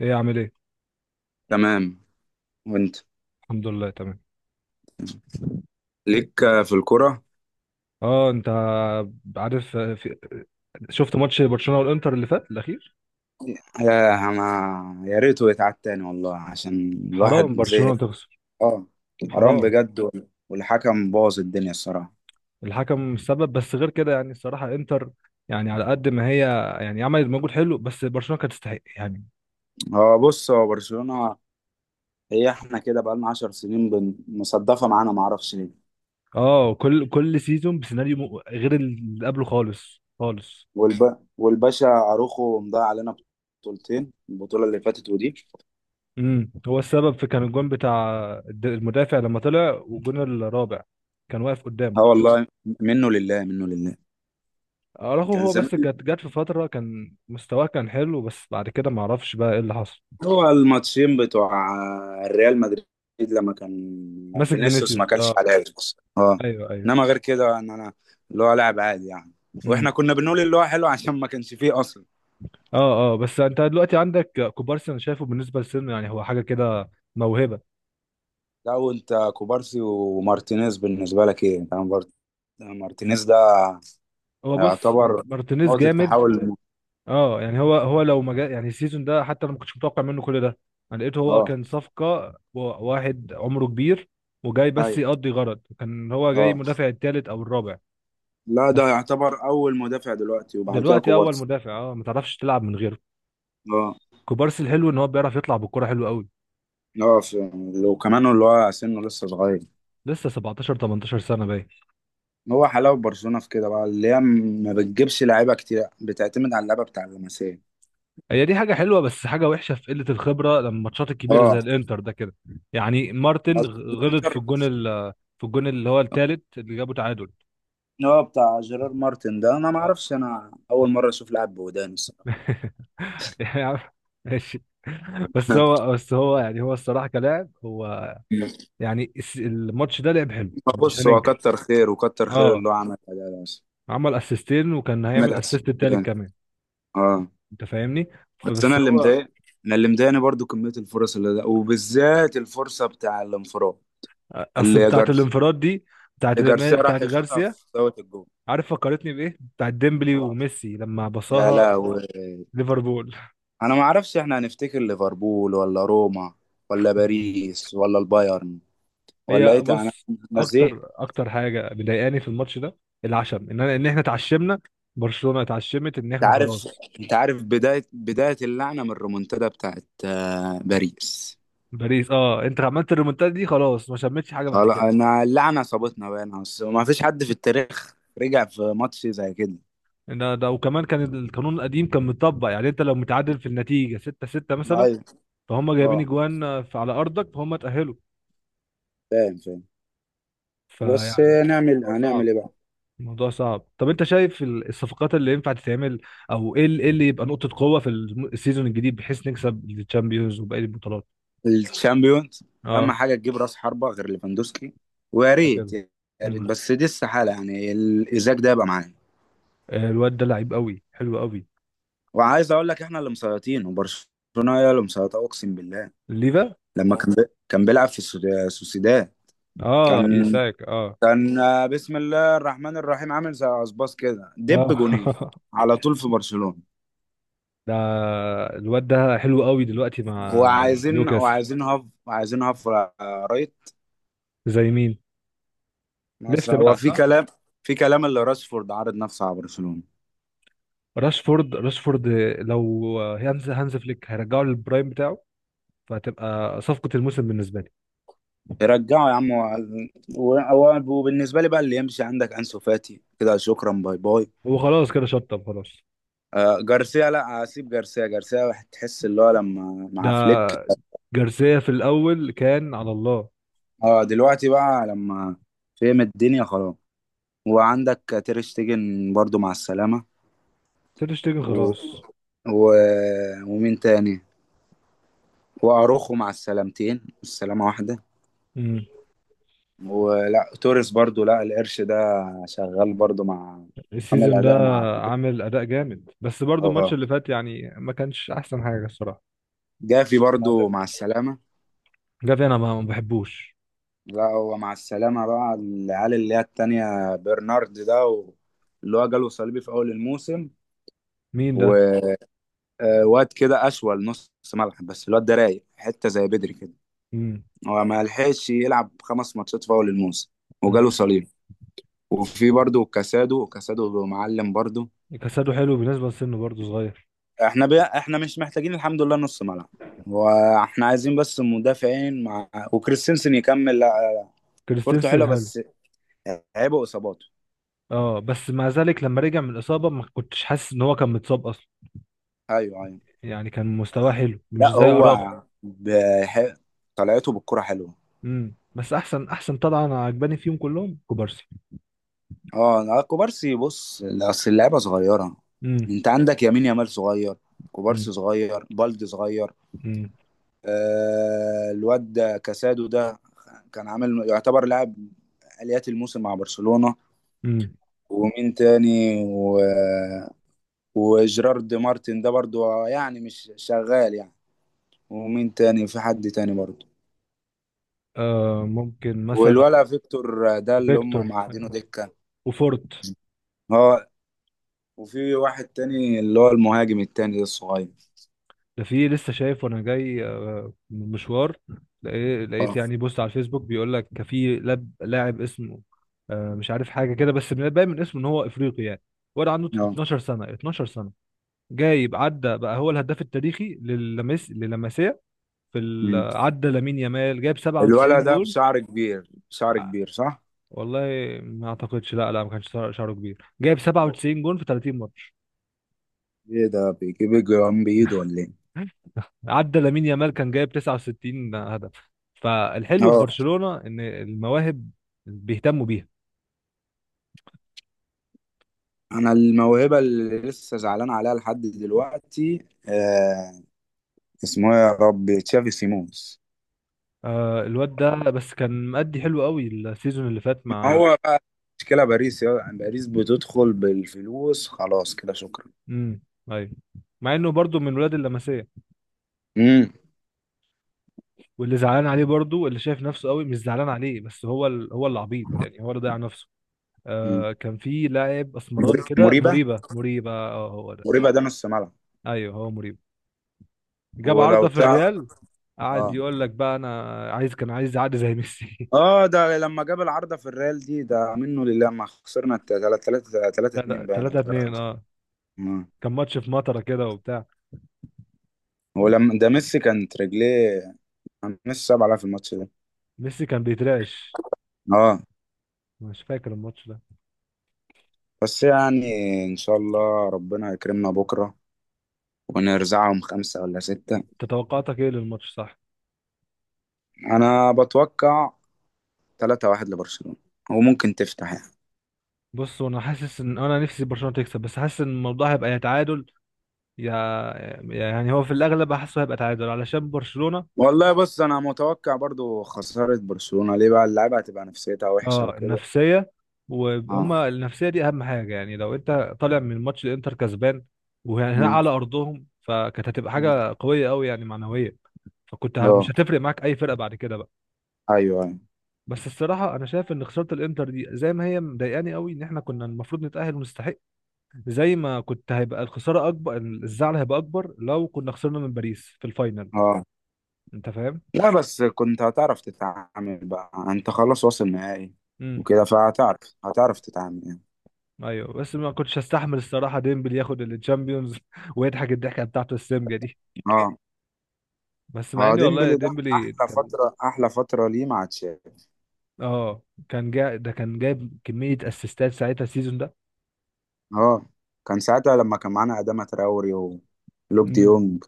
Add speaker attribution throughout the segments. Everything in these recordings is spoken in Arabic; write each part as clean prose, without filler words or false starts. Speaker 1: ايه عامل ايه؟
Speaker 2: تمام. وانت؟
Speaker 1: الحمد لله، تمام.
Speaker 2: ليك في الكرة؟
Speaker 1: اه، انت عارف شفت ماتش برشلونة والانتر اللي فات الاخير.
Speaker 2: يا انا يا ريته يتعاد تاني والله، عشان الواحد
Speaker 1: حرام
Speaker 2: زي.
Speaker 1: برشلونة تخسر،
Speaker 2: اه، حرام
Speaker 1: حرام.
Speaker 2: بجد. والحكم باظ الدنيا الصراحة.
Speaker 1: الحكم السبب، بس غير كده يعني الصراحة انتر، يعني على قد ما هي، يعني عملت مجهود حلو بس برشلونة كانت تستحق يعني.
Speaker 2: هو بص، هو برشلونة. هي احنا كده بقالنا 10 سنين، مصدفة معانا، معرفش ليه.
Speaker 1: اه، كل سيزون بسيناريو غير اللي قبله خالص خالص.
Speaker 2: والباشا اروخو مضيع علينا بطولتين، البطولة اللي فاتت ودي.
Speaker 1: هو السبب في كان الجون بتاع المدافع لما طلع، والجون الرابع كان واقف قدامه.
Speaker 2: اه والله، منه لله منه لله.
Speaker 1: اراخو،
Speaker 2: كان
Speaker 1: هو
Speaker 2: زمان
Speaker 1: بس كانت جت في فتره كان مستواه كان حلو، بس بعد كده ما اعرفش بقى ايه اللي حصل.
Speaker 2: هو الماتشين بتوع الريال مدريد، لما كان
Speaker 1: ماسك
Speaker 2: فينيسيوس ما
Speaker 1: فينيسيوس،
Speaker 2: كانش
Speaker 1: اه،
Speaker 2: حاجه اصلا. اه،
Speaker 1: ايوه ايوه.
Speaker 2: انما غير كده، ان انا اللي هو لاعب عادي يعني.
Speaker 1: امم.
Speaker 2: واحنا كنا بنقول اللي هو حلو عشان ما كانش فيه اصلا.
Speaker 1: اه، اه، بس انت دلوقتي عندك كوبارسي، انا شايفه بالنسبه لسنه يعني هو حاجه كده، موهبه.
Speaker 2: لا، وانت كوبارسي ومارتينيز بالنسبه لك ايه؟ انت مارتينيز ده
Speaker 1: هو بص،
Speaker 2: يعتبر
Speaker 1: مارتينيز
Speaker 2: نقطه
Speaker 1: جامد.
Speaker 2: تحول.
Speaker 1: اه، يعني هو لو ما جا يعني السيزون ده حتى انا ما كنتش متوقع منه كل ده. انا لقيته هو
Speaker 2: اه،
Speaker 1: كان صفقه واحد عمره كبير وجاي بس
Speaker 2: ايوه،
Speaker 1: يقضي غرض، كان هو جاي
Speaker 2: اه.
Speaker 1: مدافع الثالث او الرابع.
Speaker 2: لا، ده
Speaker 1: بس
Speaker 2: يعتبر اول مدافع دلوقتي، وبعد كده
Speaker 1: دلوقتي اول
Speaker 2: كوبارسي.
Speaker 1: مدافع، اه، ما تعرفش تلعب من غيره.
Speaker 2: اه،
Speaker 1: كوبارسي الحلو ان هو بيعرف يطلع بالكرة حلو قوي.
Speaker 2: اه. وكمان اللي هو سنه لسه صغير.
Speaker 1: لسه 17 18 سنة باين.
Speaker 2: هو حلاوة برشلونة في كده بقى، اللي هي ما بتجيبش لعيبة كتير، بتعتمد على اللعبة بتاع اللمسية.
Speaker 1: هي دي حاجة حلوة، بس حاجة وحشة في قلة الخبرة لما الماتشات الكبيرة زي
Speaker 2: اه،
Speaker 1: الانتر ده كده. يعني مارتن غلط في
Speaker 2: الانتر.
Speaker 1: الجون في الجون اللي هو التالت اللي جابه تعادل.
Speaker 2: هو بتاع جيرار مارتن ده، انا ما
Speaker 1: آه.
Speaker 2: اعرفش، انا اول مرة اشوف لاعب بودان الصراحة.
Speaker 1: يا عم، ماشي. بس هو بس هو يعني هو الصراحة كلاعب، هو يعني الماتش ده لعب حلو، مش
Speaker 2: بص، هو
Speaker 1: هننكر.
Speaker 2: كتر خير، وكتر خير
Speaker 1: اه،
Speaker 2: اللي هو عملها، ده بس.
Speaker 1: عمل اسيستين وكان هيعمل
Speaker 2: عملها
Speaker 1: اسيست التالت
Speaker 2: اسيستين.
Speaker 1: كمان،
Speaker 2: اه،
Speaker 1: انت فاهمني؟
Speaker 2: بس
Speaker 1: فبس هو،
Speaker 2: انا اللي مضايقني برضو كمية الفرص اللي ده، وبالذات الفرصة بتاع الانفراد.
Speaker 1: اصل
Speaker 2: اللي
Speaker 1: بتاعت
Speaker 2: جارس
Speaker 1: الانفراد دي بتاعت
Speaker 2: اللي جارسيا راح
Speaker 1: بتاعت
Speaker 2: يشوطها
Speaker 1: غارسيا.
Speaker 2: في زاوية الجول.
Speaker 1: عارف فكرتني بايه؟ بتاعت ديمبلي
Speaker 2: آه،
Speaker 1: وميسي لما
Speaker 2: يا
Speaker 1: بصاها
Speaker 2: لهوي.
Speaker 1: ليفربول
Speaker 2: انا ما اعرفش، احنا هنفتكر ليفربول ولا روما ولا باريس ولا البايرن ولا ايه
Speaker 1: هي
Speaker 2: تاني. انا
Speaker 1: بص،
Speaker 2: أنا زهقت.
Speaker 1: اكتر اكتر حاجه مضايقاني في الماتش ده العشم ان احنا اتعشمنا، برشلونه اتعشمت ان
Speaker 2: انت
Speaker 1: احنا
Speaker 2: عارف
Speaker 1: خلاص.
Speaker 2: انت عارف، بدايه اللعنه من الريمونتادا بتاعت باريس.
Speaker 1: باريس، اه، انت عملت الريمونتادا دي خلاص ما شمتش حاجه بعد
Speaker 2: خلاص،
Speaker 1: كده.
Speaker 2: انا اللعنه صابتنا بقى. أنا أصل ما فيش حد في التاريخ رجع في ماتش زي كده.
Speaker 1: ان ده وكمان كان القانون القديم كان مطبق، يعني انت لو متعادل في النتيجه 6-6 مثلا
Speaker 2: ايوه،
Speaker 1: فهم جايبين
Speaker 2: اه،
Speaker 1: اجوان على ارضك فهم تاهلوا.
Speaker 2: فاهم فاهم. بس
Speaker 1: فيعني الموضوع
Speaker 2: هنعمل
Speaker 1: صعب.
Speaker 2: ايه بقى.
Speaker 1: الموضوع صعب. طب انت شايف الصفقات اللي ينفع تتعمل؟ او ايه ايه اللي يبقى نقطة قوة في السيزون الجديد بحيث نكسب الشامبيونز وباقي البطولات؟
Speaker 2: الشامبيونز اهم
Speaker 1: اه،
Speaker 2: حاجه، تجيب راس حربه غير ليفاندوسكي. ويا
Speaker 1: كده
Speaker 2: ريت
Speaker 1: كده.
Speaker 2: يا ريت،
Speaker 1: امم،
Speaker 2: بس دي استحاله يعني الازاك ده يبقى معانا.
Speaker 1: الواد ده لعيب قوي حلو قوي.
Speaker 2: وعايز اقول لك احنا اللي مسيطرين، وبرشلونه هي اللي مسيطره، اقسم بالله.
Speaker 1: ليفا،
Speaker 2: لما كان بيلعب في السوسيداد،
Speaker 1: اه،
Speaker 2: كان
Speaker 1: ايساك، اه،
Speaker 2: كان بسم الله الرحمن الرحيم، عامل زي عصباص كده، دب جونين
Speaker 1: اه
Speaker 2: على طول في برشلونه.
Speaker 1: ده الواد ده حلو قوي دلوقتي مع نيوكاسل.
Speaker 2: وعايزين هاف، رايت.
Speaker 1: زي مين؟ ليفت
Speaker 2: مثلا هو
Speaker 1: بقى،
Speaker 2: في
Speaker 1: صح؟
Speaker 2: كلام، اللي راشفورد عارض نفسه على برشلونه.
Speaker 1: راشفورد، راشفورد لو هانز فليك هيرجعه للبرايم بتاعه فهتبقى صفقة الموسم بالنسبة لي.
Speaker 2: رجعه يا عم، وبالنسبه لي بقى، اللي يمشي عندك انسو فاتي، كده شكرا، باي باي.
Speaker 1: هو خلاص كده شطب خلاص.
Speaker 2: آه، جارسيا لا، اسيب جارسيا. جارسيا واحد تحس اللي هو لما مع فليك.
Speaker 1: ده جارسيا في الاول كان على الله.
Speaker 2: اه، دلوقتي بقى لما فهم الدنيا خلاص. وعندك تير شتيجن برضو مع السلامة.
Speaker 1: تير شتيجن
Speaker 2: و...
Speaker 1: خلاص.
Speaker 2: و... ومين تاني؟ واروخو مع السلامتين، السلامة واحدة.
Speaker 1: امم.
Speaker 2: ولا توريس برضو، لا، القرش ده شغال برضو، مع، عامل
Speaker 1: السيزون ده
Speaker 2: أداء مع،
Speaker 1: عامل اداء جامد، بس برضو الماتش
Speaker 2: اه.
Speaker 1: اللي فات يعني ما كانش احسن حاجه الصراحه.
Speaker 2: جافي
Speaker 1: مع
Speaker 2: برضو مع
Speaker 1: الإنتر.
Speaker 2: السلامة.
Speaker 1: جافي انا ما بحبوش.
Speaker 2: لا، هو مع السلامة بقى العيال اللي هي التانية، برنارد ده، اللي هو جاله صليبي في أول الموسم.
Speaker 1: مين ده؟
Speaker 2: وواد كده أشول نص ملعب، بس الواد ده رايق حتة زي بدري كده.
Speaker 1: امم.
Speaker 2: هو ما لحقش يلعب خمس ماتشات في أول الموسم وجاله
Speaker 1: امم.
Speaker 2: صليبي. وفي برضه كاسادو، كاسادو معلم برضه.
Speaker 1: كاسادو حلو بالنسبه لسنه، برضو صغير.
Speaker 2: احنا مش محتاجين الحمد لله نص ملعب، واحنا عايزين بس مدافعين مع، وكريستنسن يكمل لا، كورته
Speaker 1: كريستنسن
Speaker 2: حلوه
Speaker 1: حلو.
Speaker 2: بس عيبه اصاباته.
Speaker 1: اه، بس مع ذلك لما رجع من الاصابه ما كنتش حاسس ان هو كان متصاب اصلا،
Speaker 2: ايوه، ايوه.
Speaker 1: يعني كان مستواه حلو مش
Speaker 2: لا
Speaker 1: زي
Speaker 2: هو
Speaker 1: اراخو.
Speaker 2: بح... طلعته بالكرة حلوة.
Speaker 1: امم، بس احسن احسن طلعه انا عجباني فيهم كلهم كوبارسي.
Speaker 2: اه، لا، كوبارسي، بص اصل اللعبة صغيرة.
Speaker 1: امم.
Speaker 2: انت عندك يمين يامال صغير، كوبارسي صغير، بالدي صغير.
Speaker 1: امم.
Speaker 2: آه، الواد ده كاسادو ده كان عامل يعتبر لاعب آليات الموسم مع برشلونة.
Speaker 1: امم.
Speaker 2: ومين تاني؟ وجيرارد مارتن ده برضو، يعني مش شغال يعني. ومين تاني؟ في حد تاني برضو؟
Speaker 1: ممكن مثلا
Speaker 2: والولا فيكتور ده اللي هم
Speaker 1: فيكتور
Speaker 2: معادينه دكة.
Speaker 1: وفورت.
Speaker 2: اه، وفي واحد تاني اللي هو المهاجم التاني ده الصغير.
Speaker 1: ده في لسه شايف وانا جاي من مشوار، لقيت
Speaker 2: اه،
Speaker 1: يعني بوست على الفيسبوك بيقول لك كان في لاعب اسمه، مش عارف حاجه كده، بس باين من اسمه ان هو افريقي يعني. ولا عنده
Speaker 2: اه،
Speaker 1: 12 سنه، 12 سنه، جايب عدى بقى هو الهداف التاريخي للمسيا في
Speaker 2: أمم.
Speaker 1: عدى لامين يامال جايب 97
Speaker 2: الولد ده
Speaker 1: جول.
Speaker 2: بشعر كبير، بشعر
Speaker 1: ع-
Speaker 2: كبير، صح؟
Speaker 1: والله ما اعتقدش، لا لا، ما كانش شعره كبير جايب
Speaker 2: ب-
Speaker 1: 97 جول في 30 ماتش.
Speaker 2: ايه ده؟ بيجيب الجرام بايده ولا ايه؟
Speaker 1: عدى لامين يامال كان جايب 69 هدف. فالحلو في
Speaker 2: اه،
Speaker 1: برشلونة ان المواهب بيهتموا بيها.
Speaker 2: انا الموهبة اللي لسه زعلان عليها لحد دلوقتي آه، اسمه إيه يا ربي؟ تشافي سيمونز.
Speaker 1: الواد ده بس كان مأدي حلو قوي السيزون اللي فات مع.
Speaker 2: هو بقى مشكلة باريس، يا باريس بتدخل بالفلوس، خلاص كده شكرا.
Speaker 1: امم. ايوه. مع انه برضو من ولاد اللمسية.
Speaker 2: امم،
Speaker 1: واللي زعلان عليه برضو اللي شايف نفسه قوي مش زعلان عليه، بس هو اللي عبيط يعني هو اللي ضيع نفسه.
Speaker 2: أمم.
Speaker 1: كان في لاعب اسمراني كده،
Speaker 2: مريبة،
Speaker 1: مريبة، مريبة، اه هو ده.
Speaker 2: مريبة ده نص ملعب.
Speaker 1: ايوه، هو مريبة، جاب
Speaker 2: ولو
Speaker 1: عارضة في
Speaker 2: تعرف.
Speaker 1: الريال. قعد
Speaker 2: اه،
Speaker 1: يقول لك بقى انا عايز، كان عايز اعدي زي ميسي.
Speaker 2: اه، ده لما جاب العارضة في الريال دي، ده منه لله. ما خسرنا 3-3، 3
Speaker 1: تلاتة
Speaker 2: 2 باين، او
Speaker 1: تلاتة اتنين،
Speaker 2: 3.
Speaker 1: اه. كان ماتش في مطرة كده وبتاع.
Speaker 2: ولما ده ميسي كانت رجليه، كان ميسي صعب عليها في الماتش ده.
Speaker 1: ميسي كان بيترعش.
Speaker 2: اه،
Speaker 1: مش فاكر الماتش ده.
Speaker 2: بس يعني ان شاء الله ربنا يكرمنا بكرة ونرزعهم خمسة ولا ستة.
Speaker 1: انت توقعاتك ايه للماتش؟ صح،
Speaker 2: انا بتوقع 3-1 لبرشلونة، وممكن تفتح يعني.
Speaker 1: بص، وانا حاسس ان انا نفسي برشلونة تكسب، بس حاسس ان الموضوع هيبقى يا تعادل يا، يعني هو في الاغلب حاسه هيبقى تعادل علشان برشلونة.
Speaker 2: والله، بص انا متوقع برضو خسارة برشلونة، ليه بقى؟ اللعيبة هتبقى نفسيتها وحشة
Speaker 1: اه،
Speaker 2: وكده.
Speaker 1: النفسية،
Speaker 2: اه،
Speaker 1: وهما النفسية دي اهم حاجة يعني، لو انت طالع من ماتش الانتر كسبان وهنا
Speaker 2: مم.
Speaker 1: على ارضهم، فكانت هتبقى حاجة قوية قوي يعني معنوية. فكنت مش
Speaker 2: اه،
Speaker 1: هتفرق معاك اي فرقة بعد كده بقى.
Speaker 2: ايوه، ايوه.
Speaker 1: بس الصراحة أنا شايف إن خسارة الإنتر دي زي ما هي مضايقاني قوي، إن إحنا كنا المفروض نتأهل ونستحق، زي ما كنت هيبقى الخسارة أكبر، الزعل هيبقى أكبر لو كنا خسرنا من باريس في الفاينل.
Speaker 2: اه،
Speaker 1: أنت فاهم؟
Speaker 2: لا، بس كنت هتعرف تتعامل بقى، انت خلاص واصل نهائي
Speaker 1: امم،
Speaker 2: وكده. فهتعرف، تتعامل يعني.
Speaker 1: أيوه، بس ما كنتش هستحمل الصراحة ديمبلي ياخد الشامبيونز ويضحك الضحكة بتاعته السمجة دي،
Speaker 2: اه،
Speaker 1: بس مع
Speaker 2: اه،
Speaker 1: إني والله
Speaker 2: ديمبلي ده
Speaker 1: ديمبلي
Speaker 2: احلى
Speaker 1: كان
Speaker 2: فترة، احلى فترة ليه؟ مع تشافي.
Speaker 1: آه كان جا، ده كان جايب كمية أسيستات ساعتها السيزون ده.
Speaker 2: اه، كان ساعتها لما كان معانا أداما تراوري ولوك
Speaker 1: امم.
Speaker 2: ديونج.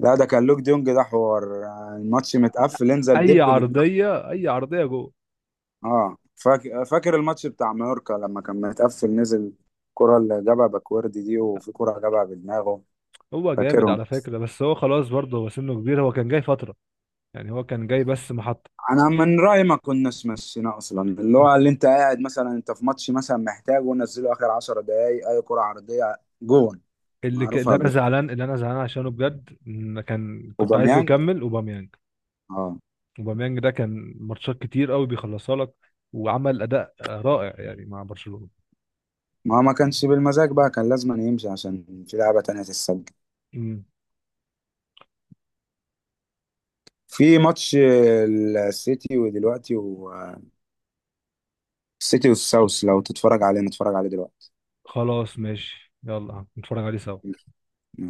Speaker 2: لا، ده كان لوك ديونج ده حوار، الماتش متقفل انزل
Speaker 1: أي
Speaker 2: دب بدماغك.
Speaker 1: عرضية أي عرضية جوه.
Speaker 2: اه، فاكر، فاكر الماتش بتاع مايوركا لما كان متقفل نزل الكرة اللي جابها باكوردي دي، وفي كرة جابها بدماغه.
Speaker 1: هو جامد
Speaker 2: فاكرهم.
Speaker 1: على فكرة، بس هو خلاص برضه هو سنه كبير، هو كان جاي فترة يعني، هو كان جاي بس محطة.
Speaker 2: انا من رايي ما كناش مشينا اصلا، اللي هو اللي انت قاعد مثلا، انت في ماتش مثلا محتاج ونزله اخر 10 دقايق اي كره عرضيه، جون. معروفها جون
Speaker 1: اللي انا زعلان عشانه بجد إن كان كنت عايزه
Speaker 2: اوباميانج.
Speaker 1: يكمل اوباميانج.
Speaker 2: اه،
Speaker 1: اوباميانج ده كان ماتشات كتير قوي بيخلصها لك، وعمل اداء رائع يعني مع برشلونة.
Speaker 2: ما كانش بالمزاج بقى، كان لازم أن يمشي عشان في لعبه تانية تتسجل
Speaker 1: امم،
Speaker 2: في ماتش السيتي. ودلوقتي والسيتي والساوث، لو تتفرج عليه نتفرج عليه دلوقتي.
Speaker 1: خلاص ماشي يلا نتفرج عليه سوا.